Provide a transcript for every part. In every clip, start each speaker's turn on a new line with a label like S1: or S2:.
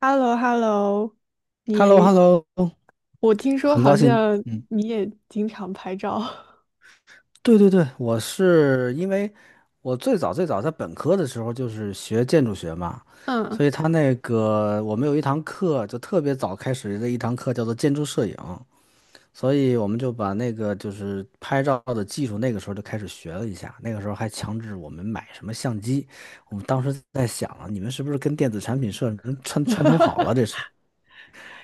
S1: h e l l o h e l l o
S2: h e l l o h
S1: 你，
S2: e l l o
S1: 我听说
S2: 很高
S1: 好
S2: 兴。
S1: 像
S2: 嗯。
S1: 你也经常拍照，
S2: 对对对，我是因为我最早最早在本科的时候就是学建筑学嘛，
S1: 嗯，
S2: 所以他那个我们有一堂课就特别早开始的一堂课叫做建筑摄影，所以我们就把那个就是拍照的技术那个时候就开始学了一下，那个时候还强制我们买什么相机，我们当时在想啊，你们是不是跟电子产品社什么串通好了这 是，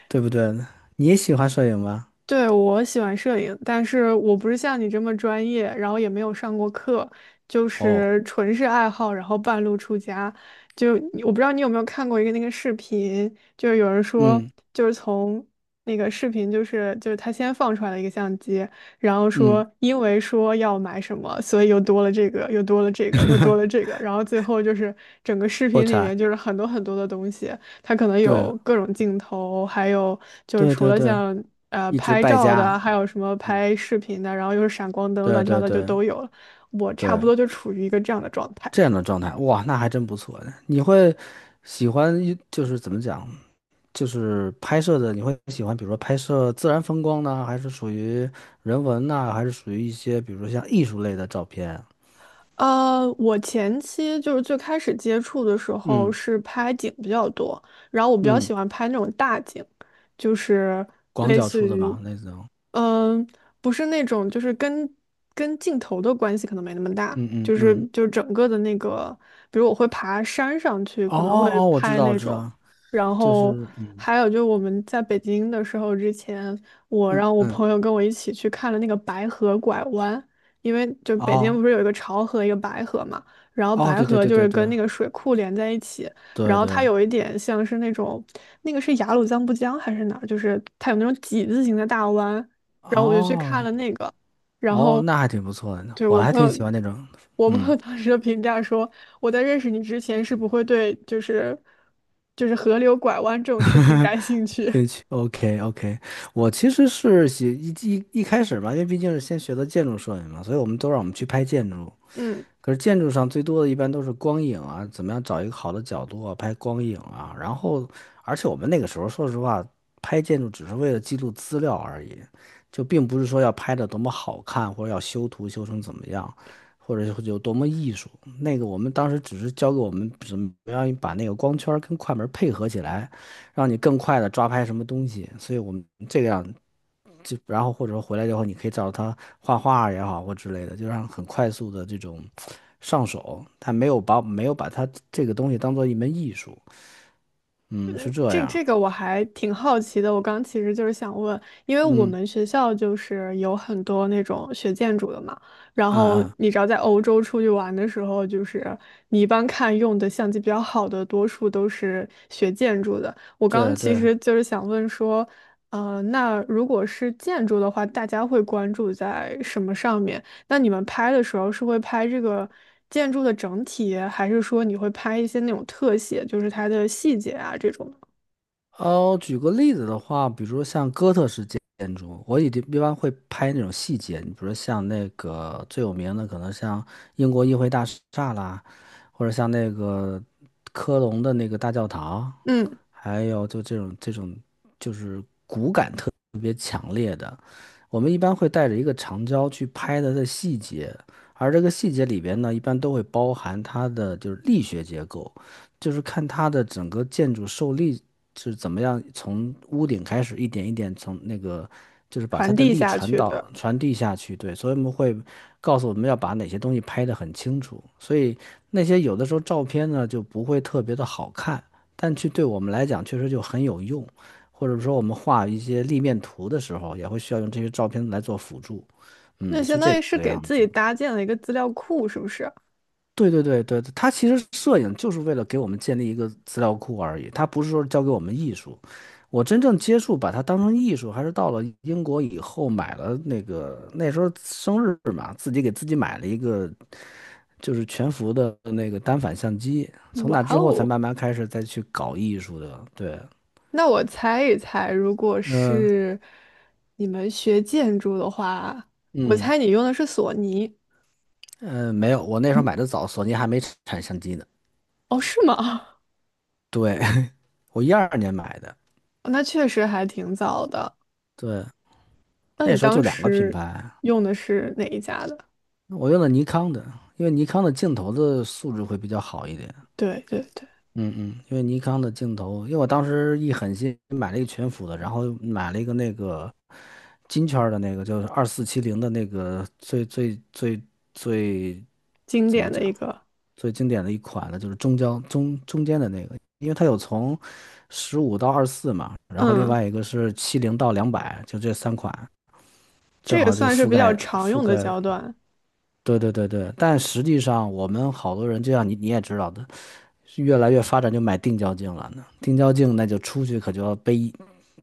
S2: 对不对？你也喜欢摄影吗？
S1: 对，我喜欢摄影，但是我不是像你这么专业，然后也没有上过课，就
S2: 哦。
S1: 是纯是爱好，然后半路出家。就我不知道你有没有看过一个那个视频，就是有人说，
S2: 嗯
S1: 就是从那个视频，就是他先放出来了一个相机，然后
S2: 嗯。
S1: 说因为说要买什么，所以又多了这个，又多了这个，又多了这个，然后最后就是整个视
S2: 破
S1: 频里
S2: 产。
S1: 面就是很多很多的东西。它可能
S2: 对
S1: 有各种镜头，还有就是
S2: 对
S1: 除
S2: 对
S1: 了
S2: 对。
S1: 像
S2: 一直
S1: 拍
S2: 败
S1: 照的啊
S2: 家。
S1: 还有什么
S2: 嗯。
S1: 拍视频的，然后又是闪光灯，
S2: 对
S1: 乱七八
S2: 对
S1: 糟就
S2: 对
S1: 都有了。我差
S2: 对，
S1: 不多就处于一个这样的状态。
S2: 这样的状态。哇，那还真不错呢。你会喜欢一就是怎么讲，就是拍摄的，你会喜欢，比如说拍摄自然风光呢，还是属于人文呢，还是属于一些，比如说像艺术类的照片？
S1: 我前期就是最开始接触的时候
S2: 嗯
S1: 是拍景比较多，然后我比较
S2: 嗯。
S1: 喜欢拍那种大景，就是
S2: 广
S1: 类
S2: 角
S1: 似
S2: 出的
S1: 于，
S2: 嘛，那种。
S1: 嗯、不是那种就是跟镜头的关系可能没那么大，
S2: 嗯嗯
S1: 就是
S2: 嗯。
S1: 就是整个的那个，比如我会爬山上去，
S2: 哦
S1: 可能会
S2: 哦，我知
S1: 拍
S2: 道我
S1: 那
S2: 知
S1: 种，
S2: 道。
S1: 然
S2: 就
S1: 后
S2: 是嗯
S1: 还有就是我们在北京的时候之前，我
S2: 嗯
S1: 让我
S2: 嗯。
S1: 朋友跟我一起去看了那个白河拐弯。因为就北京
S2: 哦
S1: 不是有一个潮河，一个白河嘛，然后
S2: 哦。
S1: 白
S2: 对对
S1: 河
S2: 对
S1: 就是
S2: 对
S1: 跟
S2: 对
S1: 那个水库连在一起，然
S2: 对
S1: 后
S2: 对。
S1: 它有一点像是那种，那个是雅鲁藏布江还是哪儿，就是它有那种几字形的大湾，然后我就去看
S2: 哦。
S1: 了那个，然
S2: 哦，
S1: 后
S2: 那还挺不错的呢，
S1: 对
S2: 我
S1: 我
S2: 还
S1: 朋
S2: 挺
S1: 友，
S2: 喜欢那种。
S1: 我朋
S2: 嗯。
S1: 友当时的评价说，我在认识你之前是不会对就是河流拐弯这种事情感兴 趣，
S2: 兴趣，OK OK。我其实是喜一一一开始嘛，因为毕竟是先学的建筑摄影嘛，所以我们都让我们去拍建筑。
S1: 嗯。
S2: 可是建筑上最多的一般都是光影啊，怎么样找一个好的角度啊，拍光影啊。然后，而且我们那个时候说实话，拍建筑只是为了记录资料而已，就并不是说要拍的多么好看，或者要修图修成怎么样，或者有多么艺术。那个我们当时只是教给我们怎么样把那个光圈儿跟快门儿配合起来，让你更快的抓拍什么东西。所以我们这个样，就然后或者说回来以后，你可以找他画画也好或之类的，就让很快速的这种上手。他没有把他这个东西当做一门艺术。嗯，是这
S1: 这
S2: 样。
S1: 这个我还挺好奇的，我刚其实就是想问，因为我
S2: 嗯
S1: 们学校就是有很多那种学建筑的嘛，然
S2: 啊
S1: 后
S2: 啊。
S1: 你知道在欧洲出去玩的时候，就是你一般看用的相机比较好的，多数都是学建筑的。我刚
S2: 对
S1: 其
S2: 对
S1: 实就是想问说，那如果是建筑的话，大家会关注在什么上面？那你们拍的时候是会拍这个建筑的整体，还是说你会拍一些那种特写，就是它的细节啊这种？
S2: 哦，举个例子的话，比如说像哥特式建筑，我一定一般会拍那种细节，你比如说像那个最有名的，可能像英国议会大厦啦，或者像那个科隆的那个大教堂，
S1: 嗯，
S2: 还有就这种就是我们一般会带着一个长焦去拍它的细节，而这个细节里边呢，一般都会包含它的就是力学结构，就是看它的整个建筑受力是怎么样，从屋顶开始一点一点从那个就是把它
S1: 传
S2: 的
S1: 递
S2: 力
S1: 下
S2: 传
S1: 去
S2: 导
S1: 的，
S2: 传递下去。对，所以我们会告诉我们要把哪些东西拍得很清楚，所以那些有的时候照片呢就不会特别的好看，但去对我们来讲确实就很有用。或者说我们画一些立面图的时候，也会需要用这些照片来做辅助。嗯，
S1: 那相
S2: 是这
S1: 当于是
S2: 个
S1: 给
S2: 样
S1: 自己
S2: 子。
S1: 搭建了一个资料库，是不是？
S2: 对对对对，它其实摄影就是为了给我们建立一个资料库而已，它不是说教给我们艺术。我真正接触把它当成艺术，还是到了英国以后买了那个那时候生日嘛，自己给自己买了一个就是全幅的那个单反相机，从
S1: 哇
S2: 那之后才
S1: 哦，
S2: 慢慢开始再去搞艺术的。对。
S1: 那我猜一猜，如果
S2: 嗯
S1: 是你们学建筑的话，我
S2: 嗯。
S1: 猜你用的是索尼。
S2: 嗯，没有，我那时候
S1: 嗯，
S2: 买的早，索尼还没产相机呢。
S1: 哦，是吗？
S2: 对。我一二年买的。
S1: 那确实还挺早的。
S2: 对，
S1: 那
S2: 那
S1: 你
S2: 时候就
S1: 当
S2: 两个品
S1: 时
S2: 牌。
S1: 用的是哪一家的？
S2: 我用的尼康的，因为尼康的镜头的素质会比较好一点。
S1: 对对对，
S2: 嗯嗯，因为尼康的镜头，因为我当时一狠心买了一个全幅的，然后买了一个那个金圈儿的那个，就是二四七零的那个最
S1: 经
S2: 怎么
S1: 典的一
S2: 讲？
S1: 个，
S2: 最经典的一款呢，就是中焦中中间的那个，因为它有从十五到二十四嘛，然后另
S1: 嗯，
S2: 外一个是七零到两百，就这三款，
S1: 这
S2: 正
S1: 也
S2: 好就
S1: 算是
S2: 覆
S1: 比较
S2: 盖
S1: 常
S2: 覆
S1: 用的
S2: 盖。
S1: 焦段。
S2: 对对对对，但实际上我们好多人，就像你也知道的，是越来越发展就买定焦镜了呢。定焦镜那就出去可就要背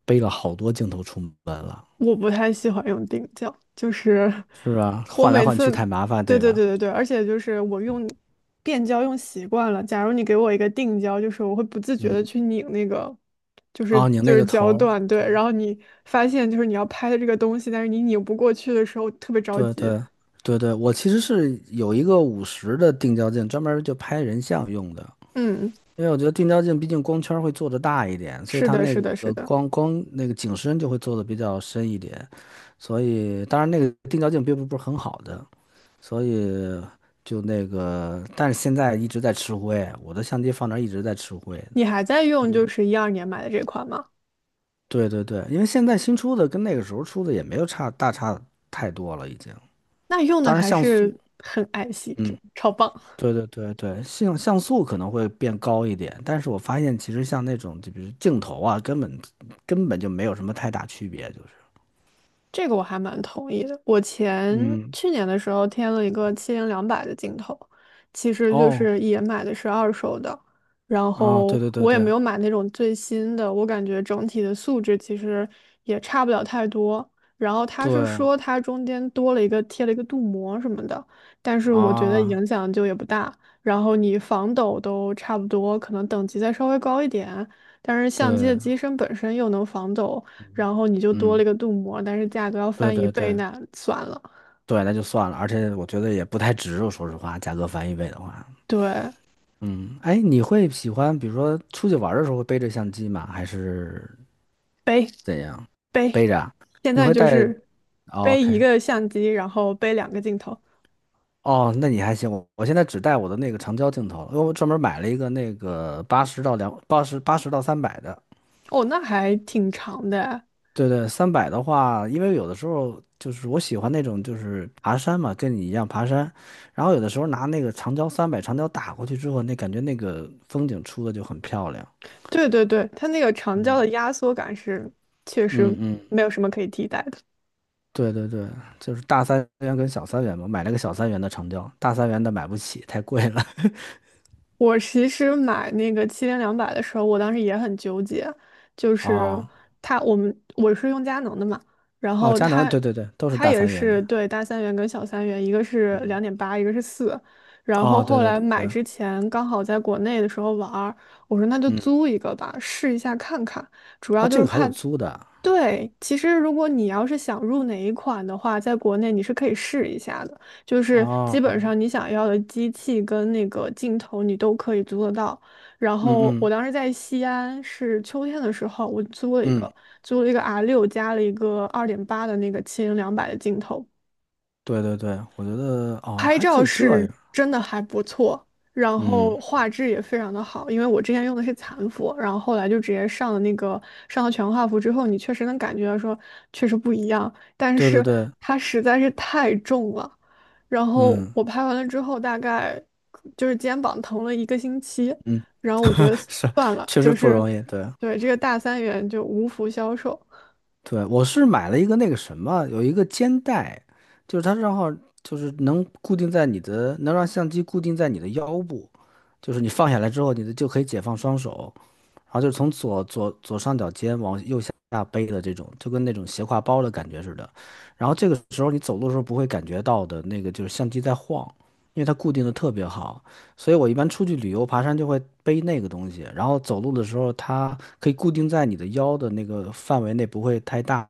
S2: 背了好多镜头出门了，
S1: 我不太喜欢用定焦，就是
S2: 是吧？
S1: 我
S2: 换来
S1: 每
S2: 换
S1: 次，
S2: 去太麻烦，
S1: 对
S2: 对
S1: 对对
S2: 吧？
S1: 对对，而且就是我用变焦用习惯了。假如你给我一个定焦，就是我会不自觉的去拧那个，就是
S2: 哦，拧
S1: 就
S2: 那
S1: 是
S2: 个头
S1: 焦
S2: 儿。
S1: 段，对。然后你发现就是你要拍的这个东西，但是你拧不过去的时候，特别着
S2: 对
S1: 急。
S2: 对对对，我其实是有一个五十的定焦镜，专门儿就拍人像用的。
S1: 嗯，
S2: 因为我觉得定焦镜毕竟光圈儿会做的大一点，所以
S1: 是
S2: 它
S1: 的，
S2: 那
S1: 是的，是
S2: 个
S1: 的。
S2: 光光那个景深就会做的比较深一点。所以当然那个定焦镜并不是很好的，所以就那个，但是现在一直在吃灰，我的相机放那儿一直在吃灰呢。
S1: 你还在用
S2: 你
S1: 就是2012年买的这款吗？
S2: 对对对，因为现在新出的跟那个时候出的也没有差太多了，已经。
S1: 那用的
S2: 当然
S1: 还
S2: 像素。
S1: 是很爱惜，就
S2: 嗯。
S1: 超棒。
S2: 对对对对，像像素可能会变高一点，但是我发现其实像那种就比如镜头啊，根本就没有什么太大区别，就是，
S1: 这个我还蛮同意的。我
S2: 嗯。
S1: 去年的时候添了一个七零两百的镜头，其实就
S2: 哦。
S1: 是也买的是二手的，然
S2: 啊，对
S1: 后
S2: 对对
S1: 我也
S2: 对
S1: 没有买那种最新的，我感觉整体的素质其实也差不了太多。然后他是
S2: 对
S1: 说它中间多了一个贴了一个镀膜什么的，但是我觉得
S2: 啊。
S1: 影响就也不大。然后你防抖都差不多，可能等级再稍微高一点，但是相机的
S2: 对。
S1: 机身本身又能防抖。然后你就多了
S2: 嗯。
S1: 一个镀膜，但是价格要
S2: 对
S1: 翻一
S2: 对
S1: 倍，
S2: 对
S1: 那算了。
S2: 对，那就算了，而且我觉得也不太值，我说实话，价格翻一倍的话。
S1: 对，
S2: 嗯。哎，你会喜欢比如说出去玩儿的时候会背着相机吗？还是
S1: 背
S2: 怎样？
S1: 背，
S2: 背着啊
S1: 现
S2: 你
S1: 在
S2: 会
S1: 就
S2: 带
S1: 是
S2: 哦
S1: 背一
S2: ？OK。
S1: 个相机，然后背两个镜头。
S2: 哦，那你还行，我我现在只带我的那个长焦镜头了因为我专门买了一个那个八十到三百的。
S1: 哦，那还挺长的哎。
S2: 对对，三百的话，因为有的时候就是我喜欢那种就是爬山嘛，跟你一样爬山，然后有的时候拿那个长焦打过去之后，那感觉那个风景出的就很漂亮。
S1: 对对对，它那个长焦的压缩感是确实
S2: 嗯嗯。
S1: 没有什么可以替代的。
S2: 对对对，就是大三元跟小三元嘛，买了个小三元的长焦，大三元的买不起，太贵了。
S1: 我其实买那个七零两百的时候，我当时也很纠结，就 是
S2: 哦
S1: 它我们我是用佳能的嘛，然
S2: 哦，
S1: 后
S2: 佳能，
S1: 它
S2: 对对对，都是
S1: 它
S2: 大
S1: 也
S2: 三元的。
S1: 是对大三元跟小三元，一个是两
S2: 嗯。
S1: 点八，一个是四，然后
S2: 哦，对
S1: 后
S2: 对
S1: 来买
S2: 对。
S1: 之前刚好在国内的时候玩儿我说那就
S2: 嗯。
S1: 租一个吧，试一下看看，主要
S2: 哦，
S1: 就
S2: 这
S1: 是
S2: 个还
S1: 怕，
S2: 有租的啊。
S1: 对，其实如果你要是想入哪一款的话，在国内你是可以试一下的，就是基本
S2: 哦
S1: 上你想要的机器跟那个镜头你都可以租得到。然
S2: 嗯
S1: 后我
S2: 嗯
S1: 当时在西安是秋天的时候，我租了一
S2: 嗯。
S1: 个，租了一个 R6加了一个2.8的那个七零两百的镜头，
S2: 对对对，我觉得哦
S1: 拍
S2: 还可
S1: 照
S2: 以这
S1: 是
S2: 样。
S1: 真的还不错，然
S2: 嗯。
S1: 后画质也非常的好。因为我之前用的是残幅，然后后来就直接上了全画幅之后，你确实能感觉到说确实不一样，但
S2: 对对
S1: 是
S2: 对。
S1: 它实在是太重了。然后
S2: 嗯
S1: 我拍完了之后，大概就是肩膀疼了一个星期，
S2: 嗯。
S1: 然后我觉得
S2: 是
S1: 算了，
S2: 确实
S1: 就
S2: 不
S1: 是
S2: 容易。对
S1: 对这个大三元就无福消受。
S2: 对，我是买了一个那个什么，有一个肩带，就是它正好就是能固定在你的，能让相机固定在你的腰部，就是你放下来之后，你的就可以解放双手，然后就是从左上角肩往右下背的这种，就跟那种斜挎包的感觉似的。然后这个时候你走路的时候不会感觉到的那个就是相机在晃，因为它固定的特别好。所以我一般出去旅游爬山就会背那个东西，然后走路的时候它可以固定在你的腰的那个范围内，不会太大，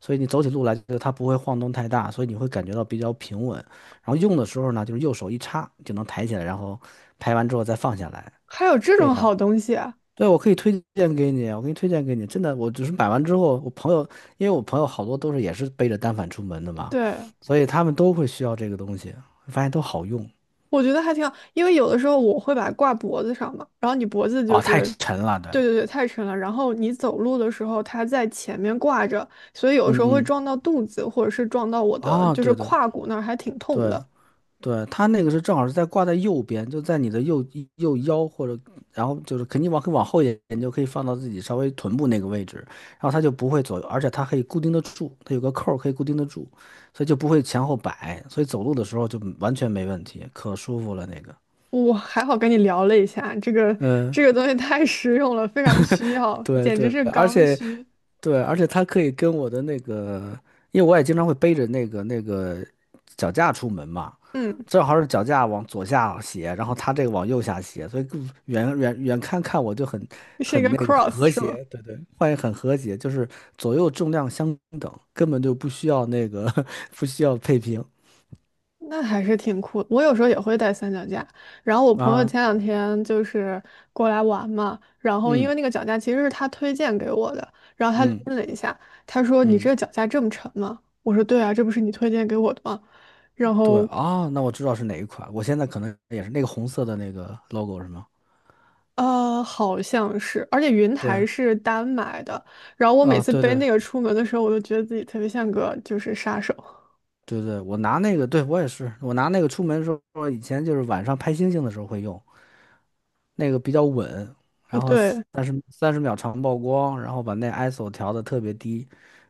S2: 所以你走起路来就它不会晃动太大，所以你会感觉到比较平稳。然后用的时候呢，就是右手一插就能抬起来，然后拍完之后再放下来，
S1: 还有这
S2: 这
S1: 种
S2: 样。
S1: 好东西啊？
S2: 对，我可以推荐给你，我给你推荐给你。真的，我只是买完之后，我朋友，因为我朋友好多都是也是背着单反出门的嘛，
S1: 对。
S2: 所以他们都会需要这个东西，发现都好用。
S1: 我觉得还挺好，因为有的时候我会把它挂脖子上嘛，然后你脖子就
S2: 哦，太
S1: 是，
S2: 沉了，对。
S1: 对对对，太沉了，然后你走路的时候它在前面挂着，所以有的时
S2: 嗯
S1: 候会
S2: 嗯。
S1: 撞到肚子，或者是撞到我的
S2: 啊，
S1: 就是
S2: 对对
S1: 胯骨那儿，还挺痛
S2: 对。
S1: 的。
S2: 对，它那个是正好是在挂在右边，就在你的右腰或者，然后就是肯定往可以往后一点，你就可以放到自己稍微臀部那个位置，然后它就不会左右，而且它可以固定得住，它有个扣儿可以固定得住，所以就不会前后摆，所以走路的时候就完全没问题，可舒服了那个。
S1: 我还好跟你聊了一下，这个
S2: 嗯，
S1: 这个东西太实用了，非常需要，
S2: 对
S1: 简直
S2: 对，
S1: 是
S2: 而
S1: 刚
S2: 且
S1: 需。
S2: 对，而且它可以跟我的那个，因为我也经常会背着那个那个脚架出门嘛，
S1: 嗯，
S2: 正好是脚架往左下斜，然后它这个往右下斜，所以更远看看我就很
S1: 是一个
S2: 很那个
S1: cross
S2: 和
S1: 是吗？
S2: 谐，对对，换也很和谐，就是左右重量相等，根本就不需要那个 不需要配平
S1: 那还是挺酷的。我有时候也会带三脚架，然后我朋友
S2: 啊。
S1: 前两天就是过来玩嘛，然后因
S2: 嗯
S1: 为那个脚架其实是他推荐给我的，然后他
S2: 嗯
S1: 拎了一下，他说："你这
S2: 嗯。
S1: 个脚架这么沉吗？"我说："对啊，这不是你推荐给我的吗？"然
S2: 对
S1: 后
S2: 啊，那我知道是哪一款，我现在可能也是那个红色的那个 logo 是吗？
S1: 好像是，而且云台
S2: 对。
S1: 是单买的，然后我每
S2: 啊，
S1: 次
S2: 对
S1: 背
S2: 对
S1: 那个出门的时候，我都觉得自己特别像个就是杀手。
S2: 对对，我拿那个，对，我也是，我拿那个出门的时候，以前就是晚上拍星星的时候会用，那个比较稳，然后
S1: 对，
S2: 三十秒长曝光，然后把那 ISO 调的特别低，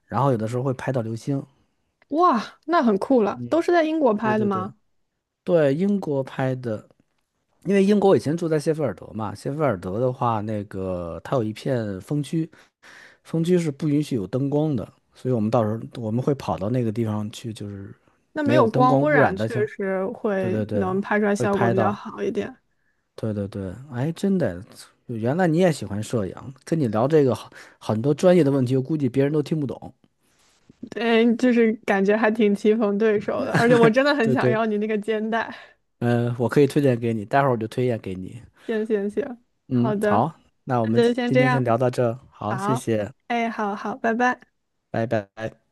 S2: 然后有的时候会拍到流星。
S1: 哇，那很酷了，
S2: 嗯。
S1: 都是在英国
S2: 对
S1: 拍的
S2: 对对
S1: 吗？
S2: 对，英国拍的，因为英国我以前住在谢菲尔德嘛，谢菲尔德的话，那个它有一片风区，风区是不允许有灯光的，所以我们到时候我们会跑到那个地方去，就是
S1: 那没
S2: 没有
S1: 有
S2: 灯
S1: 光
S2: 光
S1: 污
S2: 污
S1: 染，
S2: 染的
S1: 确实
S2: 对
S1: 会
S2: 对对，
S1: 能拍出来
S2: 会
S1: 效果
S2: 拍
S1: 比较
S2: 到，
S1: 好一点。
S2: 对对对，哎，真的，原来你也喜欢摄影，跟你聊这个好很多专业的问题，我估计别人都听不懂。
S1: 对，就是感觉还挺棋逢对手的，而且我真的很
S2: 对
S1: 想
S2: 对。
S1: 要你那个肩带。
S2: 嗯、我可以推荐给你，待会儿我就推荐给你。
S1: 行行行，
S2: 嗯，
S1: 好的，
S2: 好，那我
S1: 那
S2: 们
S1: 就先
S2: 今
S1: 这
S2: 天先
S1: 样。
S2: 聊到这儿好，谢
S1: 好，
S2: 谢。
S1: 哎，好好，拜拜。
S2: 拜拜。